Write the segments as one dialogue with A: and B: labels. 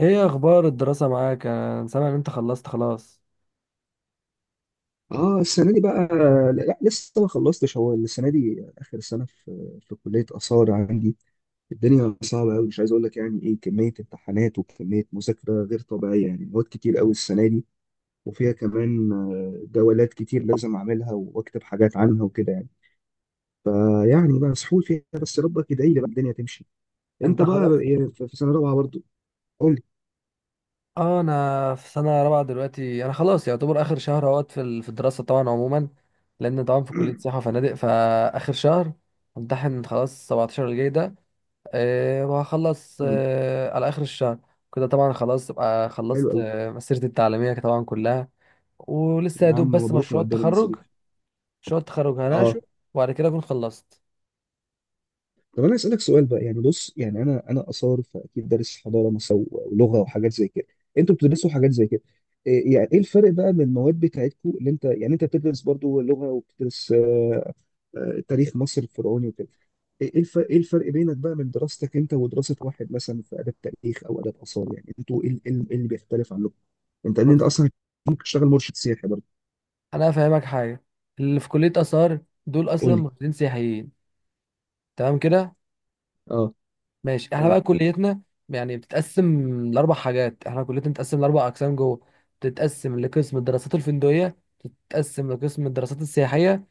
A: ايه اخبار الدراسة معاك؟ انا سامع ان انت خلصت خلاص.
B: اه، السنه دي بقى. لا، يعني لسه ما خلصتش. هو السنه دي اخر سنه في كليه اثار عندي. الدنيا صعبه قوي، مش عايز اقول لك يعني ايه كميه امتحانات وكميه مذاكره غير طبيعيه، يعني مواد كتير قوي السنه دي. وفيها كمان جولات كتير لازم اعملها واكتب حاجات عنها وكده يعني. فيعني بقى مسحول فيها، بس ربك يدعي لي بقى الدنيا تمشي. انت
A: انت
B: بقى
A: خلاص؟
B: إيه، في سنه رابعه برضو؟ قول لي.
A: اه، انا في سنة رابعة دلوقتي. انا خلاص يعتبر اخر شهر اهوت في الدراسة طبعا عموما. لان طبعا في كلية سياحة وفنادق فاخر شهر، امتحن خلاص 17 الجاي ده. وهخلص على اخر الشهر. كده طبعا خلاص ابقى
B: حلو
A: خلصت
B: قوي.
A: مسيرتي التعليمية طبعا كلها. ولسه يا
B: يا
A: دوب
B: عم
A: بس
B: مبروك
A: مشروع
B: مقدما يا
A: التخرج،
B: صديقي.
A: مشروع التخرج
B: اه.
A: هناقشه، وبعد كده اكون خلصت.
B: طب انا اسالك سؤال بقى، يعني بص، يعني انا اثار، فاكيد دارس حضاره مصر ولغه وحاجات زي كده. انتوا بتدرسوا حاجات زي كده؟ إيه يعني، ايه الفرق بقى من المواد بتاعتكم؟ اللي انت يعني انت بتدرس برضو لغه وبتدرس تاريخ مصر الفرعوني وكده. ايه إيه الفرق ايه الفرق بينك بقى من دراستك انت ودراسه واحد مثلا في اداب تاريخ او اداب اثار؟ يعني انتوا ايه ال- إيه ال- إيه اللي بيختلف عنكم؟ انت
A: بص
B: اصلا ممكن تشتغل مرشد سياحي برضو؟
A: انا هفهمك حاجه، اللي في كليه اثار دول اصلا
B: قول لي.
A: مهندسين سياحيين، تمام كده؟
B: اه.
A: ماشي، احنا
B: اه.
A: بقى كليتنا يعني بتتقسم لاربع حاجات. احنا كليتنا بتتقسم لاربع اقسام جوه، بتتقسم لقسم الدراسات الفندقيه، بتتقسم لقسم الدراسات السياحيه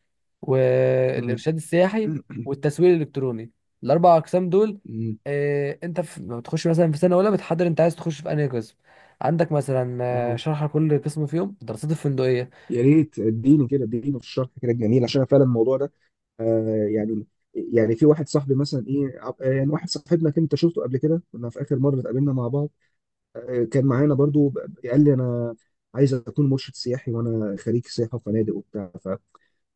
B: امم.
A: والارشاد السياحي
B: امم.
A: والتسويق الالكتروني، الاربع اقسام دول.
B: إمم.
A: اه، انت لما بتخش مثلا في سنه اولى بتحدد انت عايز تخش في انهي قسم. عندك مثلا
B: آه.
A: شرح كل قسم فيهم. الدراسات الفندقيه،
B: يا ريت اديني كده، اديني في الشرح كده الجميل، عشان أنا فعلا الموضوع ده يعني، يعني في واحد صاحبي مثلا ايه عب- آه، يعني واحد صاحبنا كنت انت شفته قبل كده، كنا في اخر مره اتقابلنا مع بعض. آه كان معانا برضو قال لي انا عايز اكون مرشد سياحي، وانا خريج سياحه وفنادق وبتاع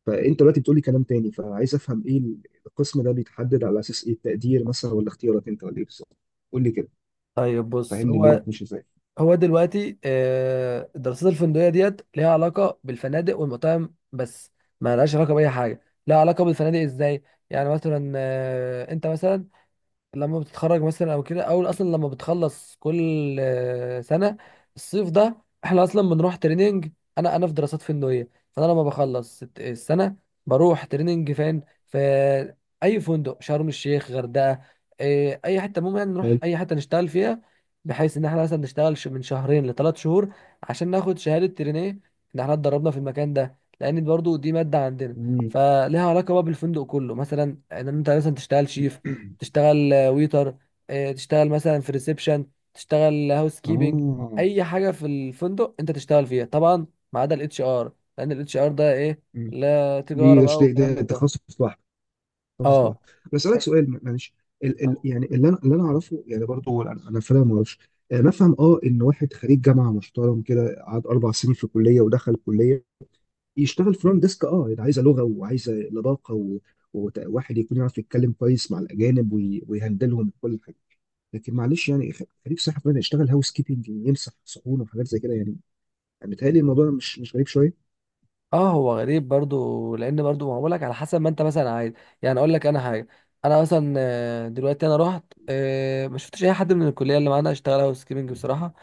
B: فانت دلوقتي بتقول لي كلام تاني، فعايز افهم ايه. القسم ده بيتحدد على اساس ايه، التقدير مثلا ولا اختيارك انت ولا ايه بالظبط؟ قول لي كده،
A: طيب بص،
B: فهمني اللي
A: هو
B: هتمشي ازاي.
A: هو دلوقتي الدراسات الفندقيه ديت ليها علاقه بالفنادق والمطاعم بس. ما لهاش علاقه باي حاجه. لها علاقه بالفنادق ازاي؟ يعني مثلا انت مثلا لما بتتخرج مثلا او كده، او اصلا لما بتخلص كل سنه، الصيف ده، احنا اصلا بنروح تريننج. انا في دراسات فندقيه، فانا لما بخلص السنه، بروح تريننج فين؟ في اي فندق، شرم الشيخ، غردقه، اي حته، المهم يعني نروح
B: حلو.
A: اي حته نشتغل فيها. بحيث ان احنا مثلا نشتغل من شهرين لثلاث شهور عشان ناخد شهاده ترينيه ان احنا اتدربنا في المكان ده، لان برضو دي ماده عندنا.
B: مم.
A: فليها علاقه بقى بالفندق كله مثلا، ان انت مثلا تشتغل شيف، تشتغل ويتر، تشتغل مثلا في ريسبشن، تشتغل هاوس كيبنج،
B: اه.
A: اي حاجه في الفندق انت تشتغل فيها طبعا، ما عدا الاتش ار. لان الاتش ار ده ايه؟
B: مم.
A: لا، تجاره
B: دي
A: بقى وكلام
B: ده
A: من ده.
B: تخصص لوحده، حافظ
A: اه،
B: لها. بسألك سؤال معلش. ال
A: اه،
B: يعني اللي انا اعرفه يعني برضه، هو انا فعلا ما اعرفش. نفهم اه ان واحد خريج جامعه محترم كده، قعد اربع سنين في كليه ودخل كليه، يشتغل فرونت ديسك. اه ده عايزه لغه وعايزه لباقه وواحد يكون يعرف يتكلم كويس مع الاجانب ويهندلهم كل حاجه. لكن معلش يعني خريج صحه فعلا يشتغل هاوس كيبنج، يمسح صحون وحاجات زي كده يعني. متهيألي الموضوع مش غريب شويه؟
A: هو غريب برضو لان برضو ما بقولك على حسب ما انت مثلا عايز. يعني اقول لك انا حاجه، انا مثلا دلوقتي انا رحت، ما شفتش اي حد من الكليه اللي معانا اشتغل هاوس كيبنج بصراحه،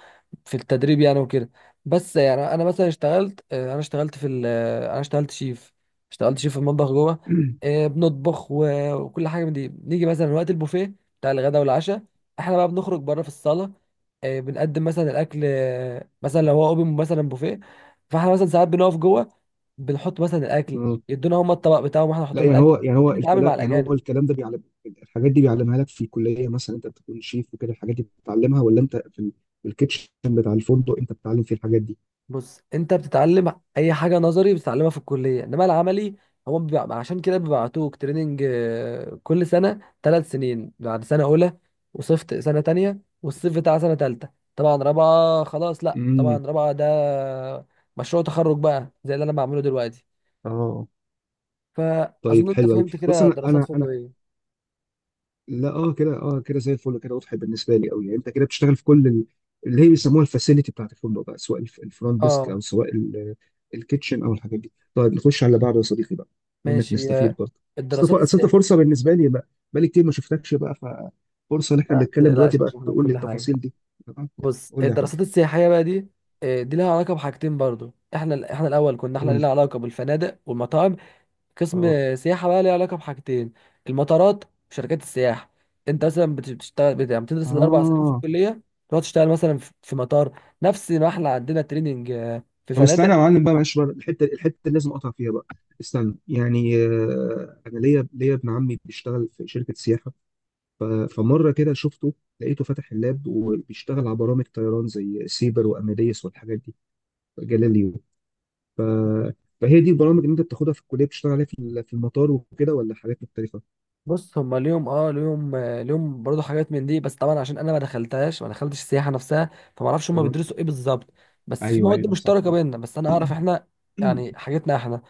A: في التدريب يعني وكده. بس يعني انا مثلا اشتغلت آه، انا اشتغلت في ال- آه، انا اشتغلت شيف، اشتغلت شيف في المطبخ جوه، بنطبخ وكل حاجه من دي. نيجي مثلا وقت البوفيه بتاع الغداء والعشاء، احنا بقى بنخرج بره في الصاله، بنقدم مثلا الاكل. مثلا لو هو اوبن مثلا بوفيه، فاحنا مثلا ساعات بنقف جوه بنحط مثلا الاكل، يدونا هم الطبق بتاعهم واحنا نحط
B: لا
A: لهم
B: يعني
A: الاكل،
B: هو، يعني هو
A: بنتعامل مع
B: الكلام، يعني هو
A: الاجانب.
B: الكلام ده بيعلم الحاجات دي، بيعلمها لك في الكليه؟ مثلا انت بتكون شيف وكده، الحاجات دي بتتعلمها؟ ولا انت في الكيتشن بتاع الفندق انت بتتعلم فيه الحاجات دي؟
A: بص، انت بتتعلم اي حاجه نظري بتتعلمها في الكليه، انما العملي هو بيبقى عشان كده بيبعتوك تريننج كل سنه، ثلاث سنين بعد سنه اولى، وصيف سنه تانية، والصيف بتاع سنه تالتة. طبعا رابعه خلاص، لا
B: امم.
A: طبعا رابعه ده مشروع تخرج بقى زي اللي انا بعمله دلوقتي.
B: اه.
A: فاظن
B: طيب
A: انت
B: حلو قوي.
A: فهمت
B: بص
A: كده
B: انا
A: دراسات
B: انا انا
A: فندقيه.
B: لا اه كده، اه كده زي الفل كده، واضح بالنسبه لي قوي. يعني انت كده بتشتغل في كل اللي هي بيسموها الفاسيلتي بتاعت الفندق بقى، سواء الفرونت ديسك
A: اه
B: او سواء الكيتشن او الحاجات دي. طيب نخش على اللي بعده يا صديقي بقى، منك
A: ماشي،
B: نستفيد برضه. بس
A: الدراسات
B: أصل أنت
A: السياسيه،
B: فرصه بالنسبه لي بقى، بقالي كتير ما شفتكش بقى، ففرصه ان احنا
A: ما
B: بنتكلم دلوقتي
A: تقلقش
B: بقى
A: هشرح لك
B: تقول لي
A: كل حاجه.
B: التفاصيل دي. تمام.
A: بص
B: قول لي يا حبيبي.
A: الدراسات السياحيه بقى دي، دي لها علاقه بحاجتين برضو. احنا الاول كنا احنا
B: قول لي.
A: لنا علاقه بالفنادق والمطاعم، قسم
B: اه.
A: سياحه بقى ليه علاقه بحاجتين، المطارات وشركات السياحه. انت مثلا بتشتغل يعني بتدرس الاربع سنين في
B: اه.
A: الكليه، تقعد تشتغل مثلا في مطار نفس ما احنا عندنا تريننج في
B: طب
A: فنادق.
B: استنى يا معلم بقى، معلش بقى، الحته اللي لازم اقطع فيها بقى. استنى يعني، انا ليا ابن عمي بيشتغل في شركه سياحه. ف- فمره كده شفته، لقيته فاتح اللاب وبيشتغل على برامج طيران زي سيبر واماديس والحاجات دي، جاليليو. ف... فهي دي البرامج اللي انت بتاخدها في الكليه بتشتغل عليها في المطار وكده؟ ولا حاجات مختلفه؟
A: بص، هم ليهم اه ليهم آه، ليهم برضو حاجات من دي، بس طبعا عشان انا ما دخلتهاش ما دخلتش السياحه نفسها، فما اعرفش هم
B: اه.
A: بيدرسوا ايه بالظبط. بس في
B: ايوه،
A: مواد
B: ايوه صح،
A: مشتركه
B: اه.
A: بيننا، بس انا اعرف احنا يعني حاجتنا احنا.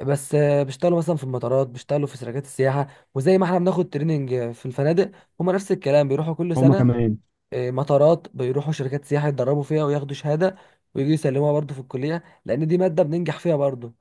A: بس بيشتغلوا مثلا في المطارات، بيشتغلوا في شركات السياحه، وزي ما احنا بناخد تريننج في الفنادق، هم نفس الكلام بيروحوا كل
B: هما
A: سنه
B: كمان.
A: مطارات، بيروحوا شركات سياحه يتدربوا فيها وياخدوا شهاده ويجوا يسلموها برضو في الكليه، لان دي ماده بننجح فيها برضو.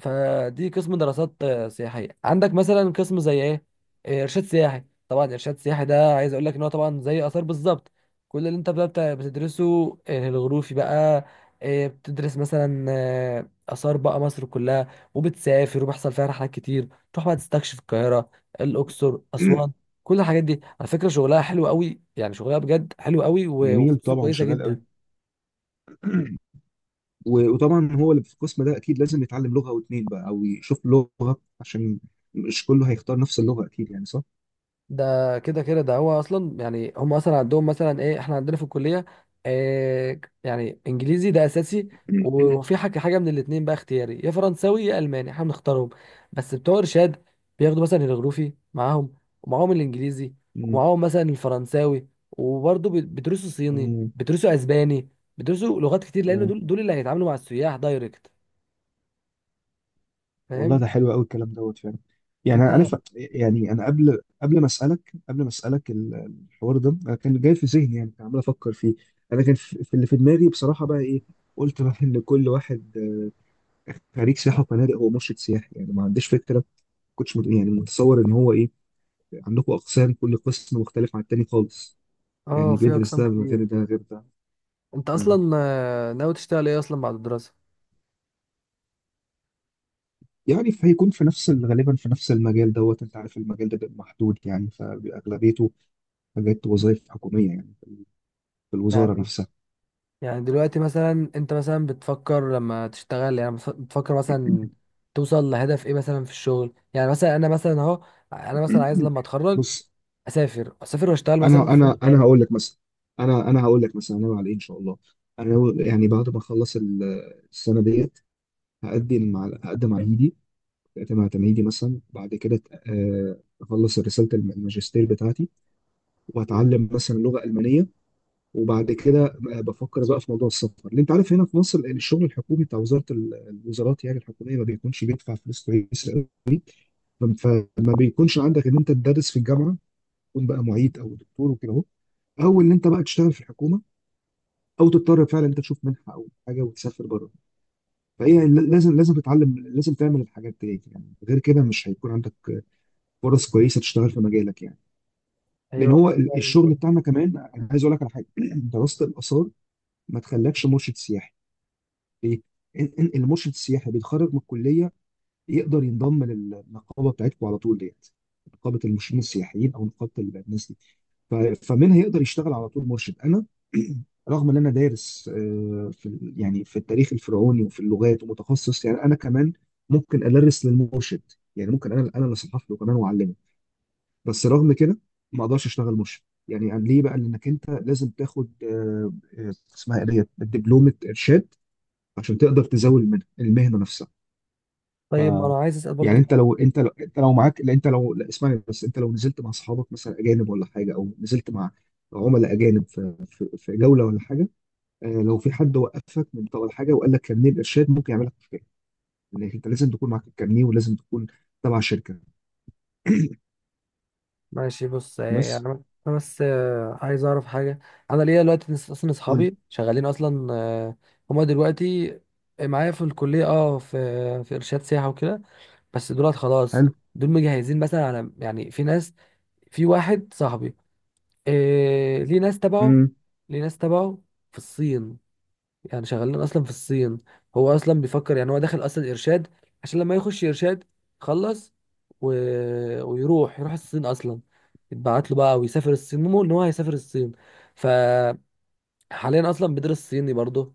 A: فدي قسم دراسات سياحيه. عندك مثلا قسم زي ايه، ارشاد سياحي. طبعا ارشاد سياحي ده عايز اقول لك ان هو طبعا زي اثار بالظبط. كل اللي انت بقى بتدرسه الغروفي بقى، بتدرس مثلا اثار بقى مصر كلها، وبتسافر وبيحصل فيها رحلات كتير، تروح بقى تستكشف القاهره، الاقصر، اسوان. كل الحاجات دي على فكره شغلها حلو قوي، يعني شغلها بجد حلو قوي،
B: جميل
A: وفلوسه
B: طبعا،
A: كويسه
B: شغال قوي.
A: جدا.
B: وطبعا هو اللي في القسم ده اكيد لازم يتعلم لغه او اتنين بقى، او يشوف لغه، عشان مش كله هيختار نفس اللغه اكيد يعني، صح؟
A: ده كده كده ده هو اصلا، يعني هم اصلا عندهم مثلا ايه احنا عندنا في الكليه، إيه يعني انجليزي ده اساسي، وفي حاجه من الاتنين بقى اختياري، يا فرنساوي يا الماني احنا بنختارهم. بس بتوع ارشاد بياخدوا مثلا الجغرافي معاهم، ومعاهم الانجليزي،
B: مم.
A: ومعاهم مثلا الفرنساوي، وبرضه بيدرسوا صيني،
B: مم.
A: بيدرسوا اسباني، بيدرسوا لغات كتير، لان
B: آه.
A: دول اللي هيتعاملوا مع السياح دايركت،
B: والله
A: فاهم
B: ده حلو قوي الكلام دوت فعلا. يعني
A: انت؟
B: انا عارف، يعني انا قبل ما اسالك الحوار ده، انا كان جاي في ذهني، يعني كان عمال افكر فيه. انا كان في اللي في دماغي بصراحه بقى ايه، قلت بقى ان كل واحد خريج سياحه وفنادق هو مرشد سياحي، يعني ما عنديش فكره. كنتش يعني متصور ان هو ايه، عندكم اقسام، كل قسم مختلف عن التاني خالص،
A: اه،
B: يعني
A: في
B: بيدرس
A: اقسام
B: ده من
A: كتير.
B: غير ده، غير ده.
A: انت
B: مم.
A: اصلا ناوي تشتغل ايه اصلا بعد الدراسه؟
B: يعني فهيكون في نفس غالبا في نفس المجال دوت. انت عارف المجال ده بيبقى محدود يعني، فاغلبيته حاجات وظائف حكوميه يعني، في الوزاره نفسها.
A: يعني دلوقتي مثلا، انت مثلا بتفكر لما تشتغل يعني بتفكر مثلا توصل لهدف ايه مثلا في الشغل؟ يعني مثلا انا مثلا اهو، انا مثلا عايز لما اتخرج
B: بص
A: اسافر واشتغل مثلا
B: انا
A: في
B: انا
A: فندق
B: انا
A: بره.
B: هقول لك مثلا، انا هقول لك مثلا انا على ايه ان شاء الله. انا يعني بعد ما اخلص السنه ديت، هقدم على تمهيدي. هقدم على تمهيدي مثلا بعد كده، اخلص رساله الماجستير بتاعتي، واتعلم مثلا لغه المانيه. وبعد كده بفكر بقى في موضوع السفر. اللي انت عارف، هنا في مصر الشغل الحكومي بتاع وزاره الوزارات يعني الحكوميه ما بيكونش بيدفع فلوس كويسه. فما بيكونش عندك ان انت تدرس في الجامعه، تكون بقى معيد او دكتور وكده، اهو، او ان انت بقى تشتغل في الحكومه، او تضطر فعلا انت تشوف منحه او حاجه وتسافر بره. فهي لازم لازم تتعلم، لازم تعمل الحاجات دي يعني، غير كده مش هيكون عندك فرص كويسه تشتغل في مجالك يعني. لان
A: ايوه
B: هو
A: فعلا
B: الشغل
A: كده.
B: بتاعنا كمان، انا عايز اقول لك على حاجه. دراسه الاثار ما تخلكش مرشد سياحي. ليه؟ إن المرشد السياحي بيتخرج من الكليه، يقدر ينضم للنقابه بتاعتكم على طول ديت، نقابه المرشدين السياحيين او نقابه الناس دي. ف- فمنها يقدر يشتغل على طول مرشد. انا رغم ان انا دارس يعني في التاريخ الفرعوني وفي اللغات ومتخصص يعني، انا كمان ممكن ادرس للمرشد، يعني ممكن انا اللي اصحح له كمان واعلمه. بس رغم كده ما اقدرش اشتغل مرشد يعني. ليه بقى؟ لانك انت لازم تاخد آه، اسمها ايه ديت، دبلومه ارشاد، عشان تقدر تزاول المهنه، المهنة نفسها.
A: طيب ما انا عايز اسال برضه
B: يعني انت لو معاك، لا انت لو، لا اسمعني بس، انت لو نزلت مع اصحابك مثلا اجانب ولا حاجه، او نزلت مع عملاء اجانب في جوله ولا حاجه، آه لو في حد وقفك من طول حاجه، وقال لك كارنيه الارشاد ممكن يعمل لك مشكله، لان انت لازم تكون معاك الكارنيه، ولازم تكون تبع شركه.
A: ماشي، بص،
B: بس.
A: يعني انا بس عايز اعرف حاجه. انا ليا دلوقتي اصلا
B: قول لي.
A: اصحابي شغالين اصلا، هما دلوقتي معايا في الكليه. اه، في ارشاد سياحه وكده. بس دولت خلاص،
B: حلو.
A: دول مجهزين مثلا، على يعني في ناس، في واحد صاحبي، إيه
B: امم.
A: ليه ناس تبعه في الصين، يعني شغالين اصلا في الصين. هو اصلا بيفكر، يعني هو داخل اصلا ارشاد عشان لما يخش ارشاد خلص، و... ويروح الصين اصلا، يتبعت له بقى ويسافر الصين، مو ان هو هيسافر الصين. ف حاليا اصلا بيدرس صيني برضه،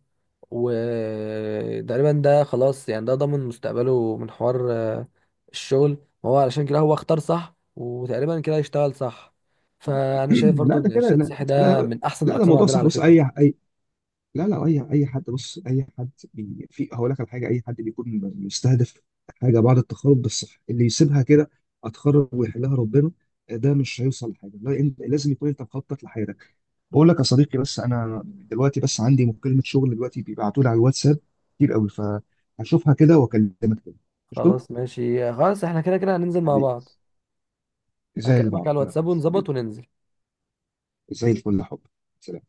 A: وتقريبا ده خلاص يعني ده ضامن مستقبله من حوار الشغل. هو علشان كده هو اختار صح، وتقريبا كده يشتغل صح. فانا شايف برضه
B: لا ده
A: ان
B: كده،
A: ارشاد
B: لا
A: صحي ده
B: لا،
A: من احسن
B: لا ده
A: الاقسام
B: موضوع
A: عندنا
B: صح.
A: على
B: بص، اي
A: فكره.
B: اي لا لا، اي حد، بص اي حد بي في هقول لك على حاجه. اي حد بيكون مستهدف حاجه بعد التخرج، ده الصح. اللي يسيبها كده، اتخرج ويحلها ربنا، ده مش هيوصل لحاجه. لا، انت لازم يكون انت مخطط لحياتك. بقول لك يا صديقي، بس انا دلوقتي بس عندي مكالمه شغل دلوقتي، بيبعتوا لي على الواتساب كتير قوي، فهشوفها كده واكلمك تاني. قشطه.
A: خلاص ماشي، خلاص احنا كده كده هننزل مع
B: حبيبي،
A: بعض.
B: زي
A: هكلمك على
B: البعض، يلا.
A: الواتساب ونظبط
B: حبيبي،
A: وننزل.
B: زي الفل يا حب. سلام.